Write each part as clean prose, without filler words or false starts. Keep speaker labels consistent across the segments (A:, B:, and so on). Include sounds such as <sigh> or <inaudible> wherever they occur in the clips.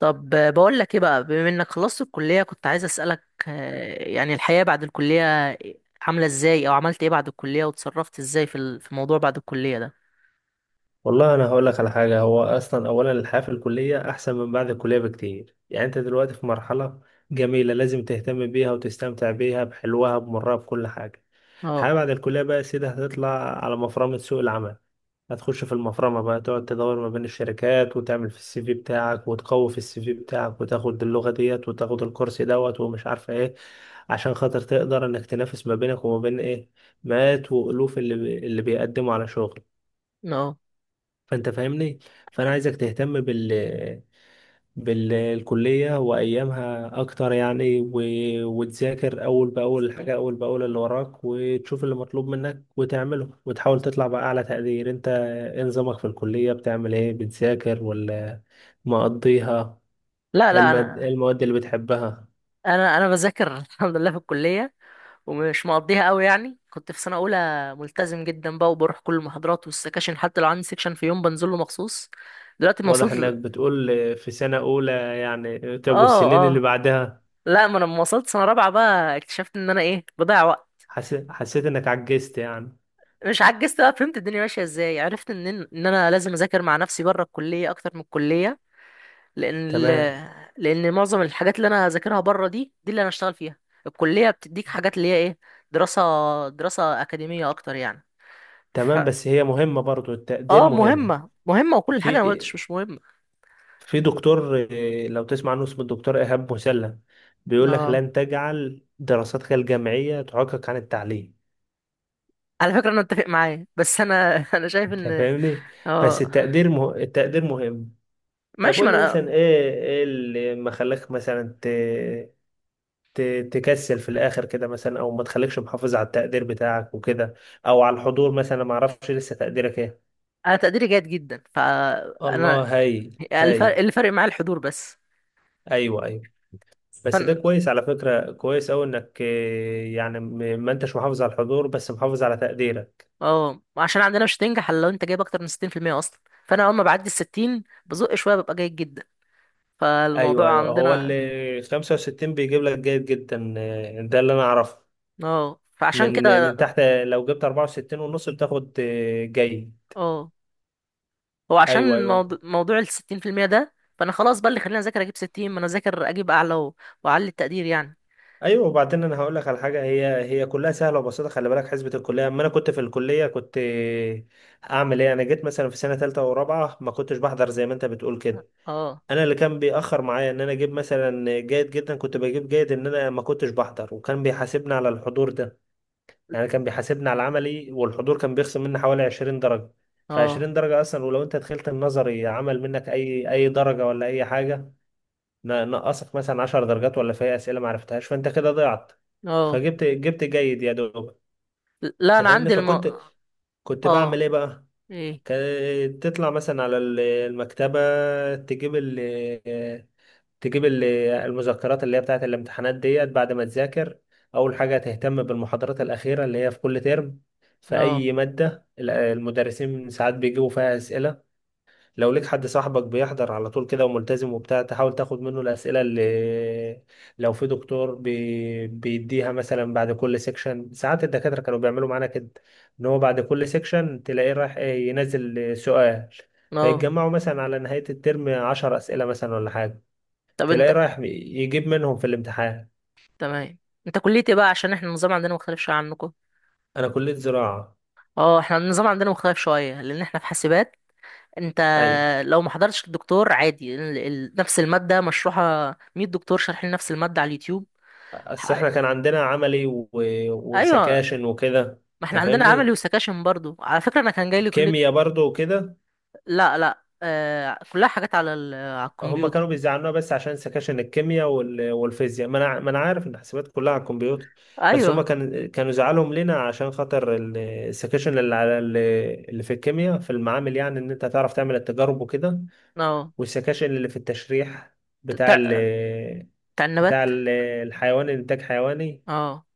A: طب بقول لك ايه بقى بما انك خلصت الكلية، كنت عايز اسألك يعني الحياة بعد الكلية عاملة ازاي او عملت ايه بعد الكلية وتصرفت ازاي في موضوع بعد الكلية ده.
B: والله انا هقول لك على حاجه. هو اصلا اولا الحياه في الكليه احسن من بعد الكليه بكتير، يعني انت دلوقتي في مرحله جميله لازم تهتم بيها وتستمتع بيها بحلوها بمرها بكل حاجه.
A: اه.
B: الحياه بعد الكليه بقى يا سيدي هتطلع على مفرمه سوق العمل. هتخش في المفرمه بقى، تقعد تدور ما بين الشركات وتعمل في السي في بتاعك وتقوي في السي في بتاعك وتاخد اللغه ديت وتاخد الكورس دوت ومش عارفه ايه، عشان خاطر تقدر انك تنافس ما بينك وما بين ايه، مئات والوف اللي بيقدموا على شغل.
A: اه.
B: فانت فاهمني. فانا عايزك تهتم بالكلية وأيامها أكتر يعني وتذاكر أول بأول الحاجة، أول بأول اللي وراك، وتشوف اللي مطلوب منك وتعمله وتحاول تطلع بأعلى تقدير. أنت إيه نظامك في الكلية؟ بتعمل إيه؟ بتذاكر ولا مقضيها؟
A: لا لا
B: إيه
A: انا
B: المواد اللي بتحبها؟
A: انا انا بذاكر <laughs> الحمد لله في الكلية، ومش مقضيها قوي. يعني كنت في سنة اولى ملتزم جدا بقى، وبروح كل المحاضرات والسكاشن، حتى لو عندي سكشن في يوم بنزله مخصوص. دلوقتي ما
B: واضح إنك
A: وصلت.
B: بتقول في سنة أولى، يعني طب والسنين
A: اه
B: اللي
A: اه.
B: بعدها؟
A: لا، ما انا لما وصلت سنة رابعة بقى اكتشفت ان انا ايه، بضيع وقت.
B: حسيت إنك عجزت يعني؟
A: مش عجزت بقى، فهمت الدنيا ماشيه ازاي. عرفت ان انا لازم اذاكر مع نفسي بره الكليه اكتر من الكليه. لان ال...
B: تمام
A: لان معظم الحاجات اللي انا هذاكرها بره دي اللي انا هشتغل فيها. الكليه بتديك حاجات اللي هي ايه، دراسه. دراسه اكاديميه اكتر يعني. ف...
B: تمام، بس هي مهمة برضو، التقدير
A: اه،
B: مهم.
A: مهمه مهمه، وكل حاجه
B: في
A: انا ما قلتش مش مهمه.
B: في دكتور، لو تسمع عنه اسمه الدكتور إيهاب مسلم، بيقول لك
A: اه،
B: لن تجعل دراستك الجامعية تعوقك عن التعليم.
A: على فكره انا متفق معاه، بس انا <laughs> انا شايف
B: انت
A: ان.
B: فاهمني. بس
A: اه.
B: التقدير مهم. طب
A: ماشي، ما
B: قول لي
A: انا.
B: مثلا ايه اللي ما خلاك مثلا ت... تكسل في الاخر كده مثلا، او ما تخليكش محافظ على التقدير بتاعك وكده، او على الحضور مثلا، ما اعرفش لسه تقديرك ايه.
A: انا تقديري جيد جدا،
B: الله،
A: فانا
B: هايل
A: الفرق
B: هايل.
A: اللي فارق معايا الحضور بس.
B: ايوه ايوه، بس ده كويس على فكرة، كويس أوي إنك يعني ما أنتش محافظ على الحضور بس محافظ على تقديرك.
A: اه، عشان عندنا مش هتنجح الا لو انت جايب اكتر من 60% اصلا. فانا اول ما بعدي ال 60 بزق شويه ببقى جيد جدا.
B: أيوه
A: فالموضوع
B: أيوه، هو
A: عندنا.
B: اللي 65 بيجيب لك جيد جدا، ده اللي أنا أعرفه.
A: اه، فعشان
B: من
A: كده.
B: من تحت لو جبت 64 ونص بتاخد جيد.
A: اه، هو
B: أيوه
A: عشان
B: أيوه
A: موضوع ال 60% ده، فانا خلاص بقى اللي خلينا اذاكر اجيب 60. ما انا اذاكر اجيب اعلى واعلي التقدير يعني.
B: أيوه، وبعدين أنا هقول لك على حاجة، هي كلها سهلة وبسيطة، خلي بالك حسبة الكلية. أما أنا كنت في الكلية كنت أعمل إيه. أنا جيت مثلا في سنة تالتة ورابعة ما كنتش بحضر زي ما أنت بتقول كده.
A: اه
B: انا اللي كان بيأخر معايا ان انا اجيب مثلا جيد جدا، كنت بجيب جيد، ان انا ما كنتش بحضر، وكان بيحاسبني على الحضور ده. يعني كان بيحاسبني على العملي، والحضور كان بيخصم مني حوالي 20 درجة. ف
A: اه
B: 20 درجة اصلا، ولو انت دخلت النظري عمل منك اي درجة ولا اي حاجة. نقصك مثلا 10 درجات، ولا في اسئلة ما عرفتهاش فانت كده ضيعت.
A: اه.
B: فجبت جيد يا دوب.
A: لا
B: انت
A: انا
B: فاهمني.
A: عندي الم.
B: فكنت بعمل
A: اه.
B: ايه بقى؟
A: ايه.
B: كانت تطلع مثلا على المكتبة، تجيب تجيب المذكرات اللي هي بتاعت الامتحانات ديت بعد ما تذاكر. أول حاجة تهتم بالمحاضرات الأخيرة اللي هي في كل ترم في
A: لا
B: أي مادة، المدرسين ساعات بيجيبوا فيها أسئلة. لو ليك حد صاحبك بيحضر على طول كده وملتزم وبتاع، تحاول تاخد منه الأسئلة اللي لو في دكتور بيديها مثلا بعد كل سيكشن. ساعات الدكاترة كانوا بيعملوا معانا كده، إن هو بعد كل سيكشن تلاقيه رايح ينزل سؤال،
A: لا.
B: فيتجمعوا مثلا على نهاية الترم 10 أسئلة مثلا ولا حاجة،
A: طب انت.
B: تلاقيه رايح يجيب منهم في الامتحان.
A: تمام. انت كليتي إيه بقى؟ عشان احنا النظام عندنا مختلف شويه عنكم.
B: انا كلية زراعة.
A: اه، احنا النظام عندنا مختلف شويه لان احنا في حاسبات. انت
B: ايوه،
A: لو ما حضرتش الدكتور عادي، نفس المادة مشروحة 100 دكتور شارحين نفس المادة على اليوتيوب.
B: بس
A: ح-.
B: احنا كان عندنا عملي
A: ايوه،
B: وسكاشن وكده.
A: ما احنا
B: انت
A: عندنا عملي
B: فاهمني،
A: وسكاشن برضو على فكرة. انا كان جاي لي كلية.
B: كيمياء برضو وكده.
A: لا لا، آه، كلها حاجات على
B: هما
A: الكمبيوتر.
B: كانوا بيزعلونا بس عشان سكاشن الكيمياء والفيزياء، ما انا عارف ان الحسابات كلها على الكمبيوتر. بس هما
A: ايوه.
B: كانوا زعلهم لنا عشان خاطر السكاشن اللي على اللي في الكيمياء في المعامل، يعني ان انت تعرف تعمل التجارب وكده.
A: اه،
B: والسكاشن اللي في التشريح بتاع ال...
A: بتاع. بتاع
B: بتاع
A: النبات.
B: ال- الحيوان، الانتاج حيواني.
A: اه.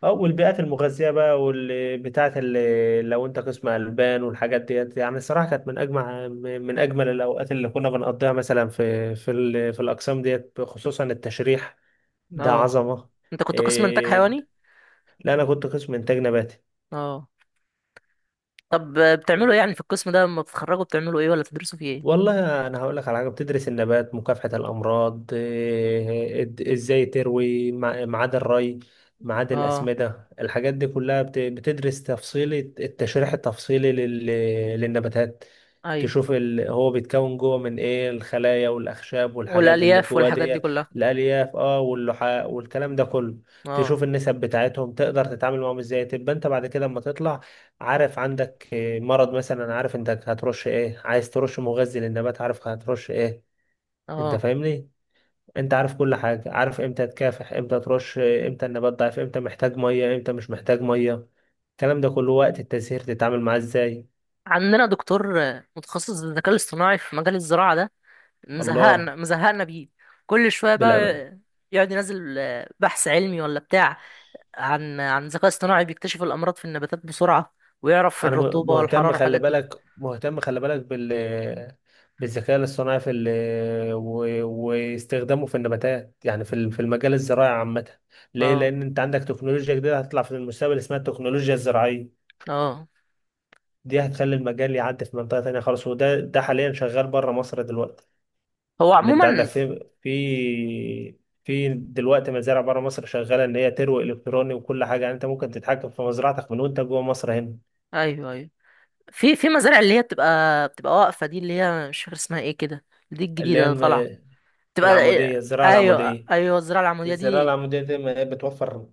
B: اه، والبيئات المغذية بقى، واللي بتاعت اللي لو انت قسم ألبان والحاجات ديت، يعني الصراحة كانت من أجمل الأوقات اللي كنا بنقضيها مثلا في الأقسام ديت، خصوصا التشريح ده
A: اه.
B: عظمة.
A: انت كنت قسم انتاج
B: إيه؟
A: حيواني؟
B: لا أنا كنت قسم إنتاج نباتي.
A: اه. طب بتعملوا ايه يعني في القسم ده لما بتتخرجوا؟ بتعملوا ايه ولا بتدرسوا فيه ايه؟
B: والله انا هقول لك على حاجه، بتدرس النبات، مكافحه الامراض، ازاي تروي، ميعاد الري، ميعاد
A: اه.
B: الاسمده، الحاجات دي كلها بتدرس تفصيل، التشريح التفصيلي للنباتات،
A: ايوه،
B: تشوف هو بيتكون جوه من ايه، الخلايا والاخشاب والحاجات اللي
A: والالياف
B: جوه
A: والحاجات دي
B: ديت.
A: كلها.
B: الالياف، اه، واللحاء والكلام ده كله.
A: اه.
B: تشوف النسب بتاعتهم تقدر تتعامل معاهم ازاي، تبقى انت بعد كده اما تطلع عارف عندك مرض مثلا، عارف انت هترش ايه، عايز ترش مغذي للنبات عارف هترش ايه. انت
A: اه.
B: فاهمني. انت عارف كل حاجة، عارف امتى تكافح، امتى ترش امتى النبات ضعيف، امتى محتاج مية، امتى مش محتاج مية، الكلام ده كله وقت التزهير تتعامل معاه ازاي.
A: عندنا دكتور متخصص بالذكاء الاصطناعي في مجال الزراعة ده.
B: الله.
A: مزهقنا مزهقنا بيه كل شوية بقى.
B: بالأم...
A: يقعد ينزل بحث علمي ولا بتاع عن ذكاء اصطناعي بيكتشف الأمراض في النباتات بسرعة، ويعرف
B: انا
A: الرطوبة والحرارة
B: مهتم خلي
A: والحاجات دي.
B: بالك، مهتم خلي بالك بالذكاء الاصطناعي في و... واستخدامه في النباتات، يعني في في المجال الزراعي عامة. ليه؟
A: اه.
B: لان انت عندك تكنولوجيا جديدة هتطلع في المستقبل اسمها التكنولوجيا الزراعية،
A: اه.
B: دي هتخلي المجال يعدي في منطقة تانية خالص، وده حاليا شغال بره مصر دلوقتي.
A: هو
B: ان انت عندك
A: عموما.
B: في دلوقتي مزارع بره مصر شغالة، ان هي تروي الكتروني وكل حاجة، يعني انت ممكن تتحكم في مزرعتك من وانت جوه مصر هنا.
A: ايوه ايوه، في مزارع اللي هي بتبقى واقفة دي، اللي هي مش فاكر اسمها ايه كده، دي
B: اللي
A: الجديدة
B: هي
A: اللي طالعة. بتبقى.
B: العمودية، الزراعة
A: ايوه
B: العمودية.
A: ايوه، الزراعة العمودية
B: الزراعة
A: دي.
B: العمودية دي ما هي بتوفر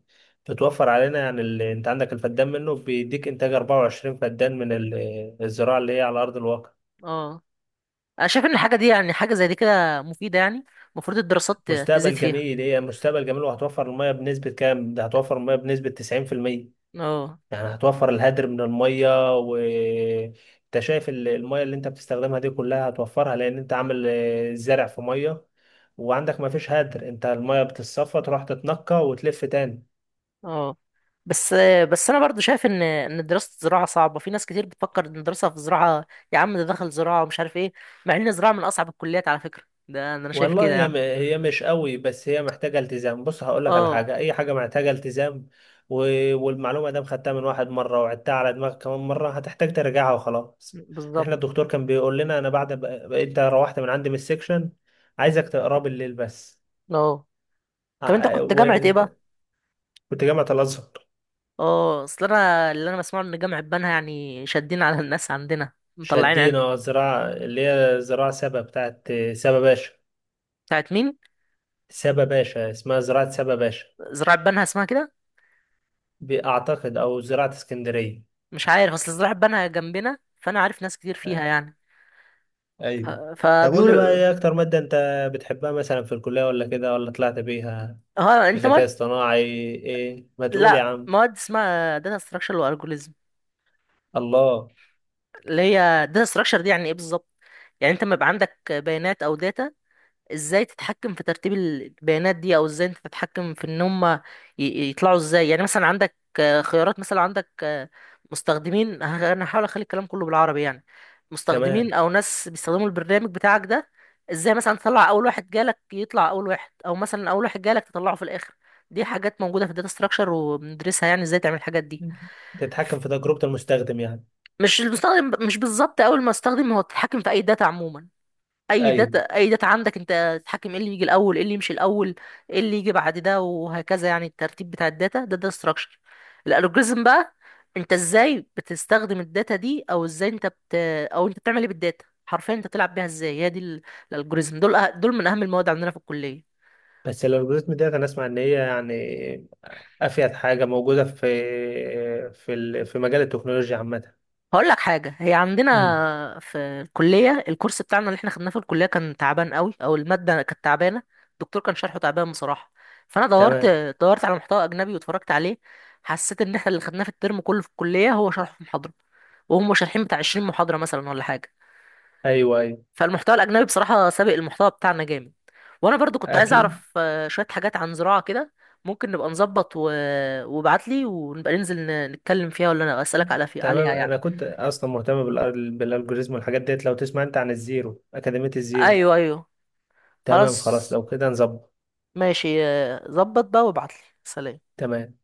B: بتوفر علينا يعني انت عندك الفدان منه بيديك انتاج 24 فدان من الزراعة اللي هي على أرض الواقع.
A: اه. انا شايف ان الحاجه دي يعني، حاجه زي دي كده مفيده يعني، المفروض الدراسات تزيد
B: مستقبل
A: فيها.
B: جميل، هي مستقبل جميل، وهتوفر المية بنسبة كام؟ ده هتوفر المية بنسبة 90%،
A: اه
B: يعني هتوفر الهدر من المية. و انت شايف المية اللي انت بتستخدمها دي كلها هتوفرها، لأن انت عامل زرع في مية، وعندك ما فيش هدر، انت المية بتتصفى تروح تتنقى وتلف تاني.
A: اه. بس. بس انا برضو شايف ان دراسه الزراعه صعبه. في ناس كتير بتفكر ان الدراسه في الزراعه، يا عم ده دخل زراعه ومش عارف ايه، مع ان الزراعه من اصعب الكليات على فكره. ده انا شايف
B: والله
A: كده
B: هي
A: يعني.
B: هي مش قوي، بس هي محتاجة التزام. بص هقول لك على
A: اه.
B: حاجة، أي حاجة محتاجة التزام و... والمعلومة دام خدتها من واحد مرة وعدتها على دماغك كمان مرة هتحتاج ترجعها وخلاص. احنا
A: بالظبط.
B: الدكتور كان بيقول لنا أنا بعد أنت روحت من عندي من السكشن عايزك تقراه بالليل بس.
A: اه. طب انت كنت جامعه ايه بقى؟
B: وأنت كنت جامعة الأزهر.
A: اه، اصل انا اللي انا بسمعه ان جامعه بنها يعني شادين على الناس. عندنا مطلعين عين.
B: شدينا زراعة اللي هي زراعة سبا بتاعت سبا باشا.
A: بتاعت مين؟
B: سبا باشا، اسمها زراعة سبا باشا،
A: زراعه بنها اسمها كده؟
B: بأعتقد أو زراعة اسكندرية.
A: مش عارف، اصل الزراعة اتبنى جنبنا فانا عارف ناس كتير فيها يعني.
B: ايوه. طب قول لي بقى
A: فبيقولوا.
B: ايه اكتر مادة انت بتحبها مثلا في الكلية ولا كده ولا طلعت بيها؟
A: ها، انت
B: ذكاء
A: مواد.
B: اصطناعي؟ ايه ما تقول يا
A: لا،
B: عم.
A: مواد اسمها داتا ستراكشر والجوريزم.
B: الله.
A: اللي هي داتا ستراكشر دي يعني ايه بالظبط؟ يعني انت لما يبقى عندك بيانات او داتا، ازاي تتحكم في ترتيب البيانات دي، او ازاي انت تتحكم في ان هم يطلعوا ازاي. يعني مثلا عندك خيارات، مثلا عندك مستخدمين. انا هحاول اخلي الكلام كله بالعربي يعني. مستخدمين
B: تمام،
A: او ناس بيستخدموا البرنامج بتاعك ده، ازاي مثلا تطلع اول واحد جالك يطلع اول واحد، او مثلا اول واحد جالك تطلعه في الاخر. دي حاجات موجوده في الداتا ستراكشر وبندرسها، يعني ازاي تعمل الحاجات دي.
B: تتحكم في تجربة المستخدم يعني.
A: مش المستخدم، مش بالظبط اول ما استخدم هو، تتحكم في اي داتا عموما. اي
B: ايوه،
A: داتا، اي داتا عندك انت تتحكم ايه اللي يجي الاول، ايه اللي يمشي الاول، ايه اللي يجي بعد ده، وهكذا. يعني الترتيب بتاع الداتا ده، ده ستراكشر. الالجوريزم بقى، انت ازاي بتستخدم الداتا دي، او ازاي انت بت، او انت بتعمل ايه بالداتا. حرفيا انت بتلعب بيها ازاي، هي دي الالجوريزم. دول من اهم المواد عندنا في الكليه.
B: بس الالجوريزم ديت انا اسمع ان هي يعني افيد حاجة موجودة في مجال التكنولوجيا عامة.
A: هقول لك حاجة، هي
B: امم.
A: عندنا في الكلية، الكورس بتاعنا اللي احنا خدناه في الكلية كان تعبان قوي، او المادة كانت تعبانة، الدكتور كان شرحه تعبان بصراحة. فانا دورت.
B: تمام.
A: دورت على محتوى اجنبي واتفرجت عليه، حسيت ان احنا اللي خدناه في الترم كله في الكلية هو شرحه في محاضرة، وهم شارحين بتاع 20 محاضرة مثلا ولا حاجة.
B: ايوه ايوه.
A: فالمحتوى الاجنبي بصراحة سابق المحتوى بتاعنا جامد. وانا برضو كنت عايز
B: اكيد.
A: اعرف شوية حاجات عن زراعة كده. ممكن نبقى نظبط وابعت لي، ونبقى ننزل نتكلم فيها، ولا انا اسالك
B: تمام،
A: عليها يعني.
B: انا كنت اصلا مهتم بالالجوريزم والحاجات ديت، لو تسمع انت عن الزيرو، اكاديمية الزيرو.
A: ايوه ايوه.
B: تمام خلاص،
A: خلاص.
B: لو كده نظبط.
A: ماشي، ظبط بقى وابعتلي. سلام.
B: تمام.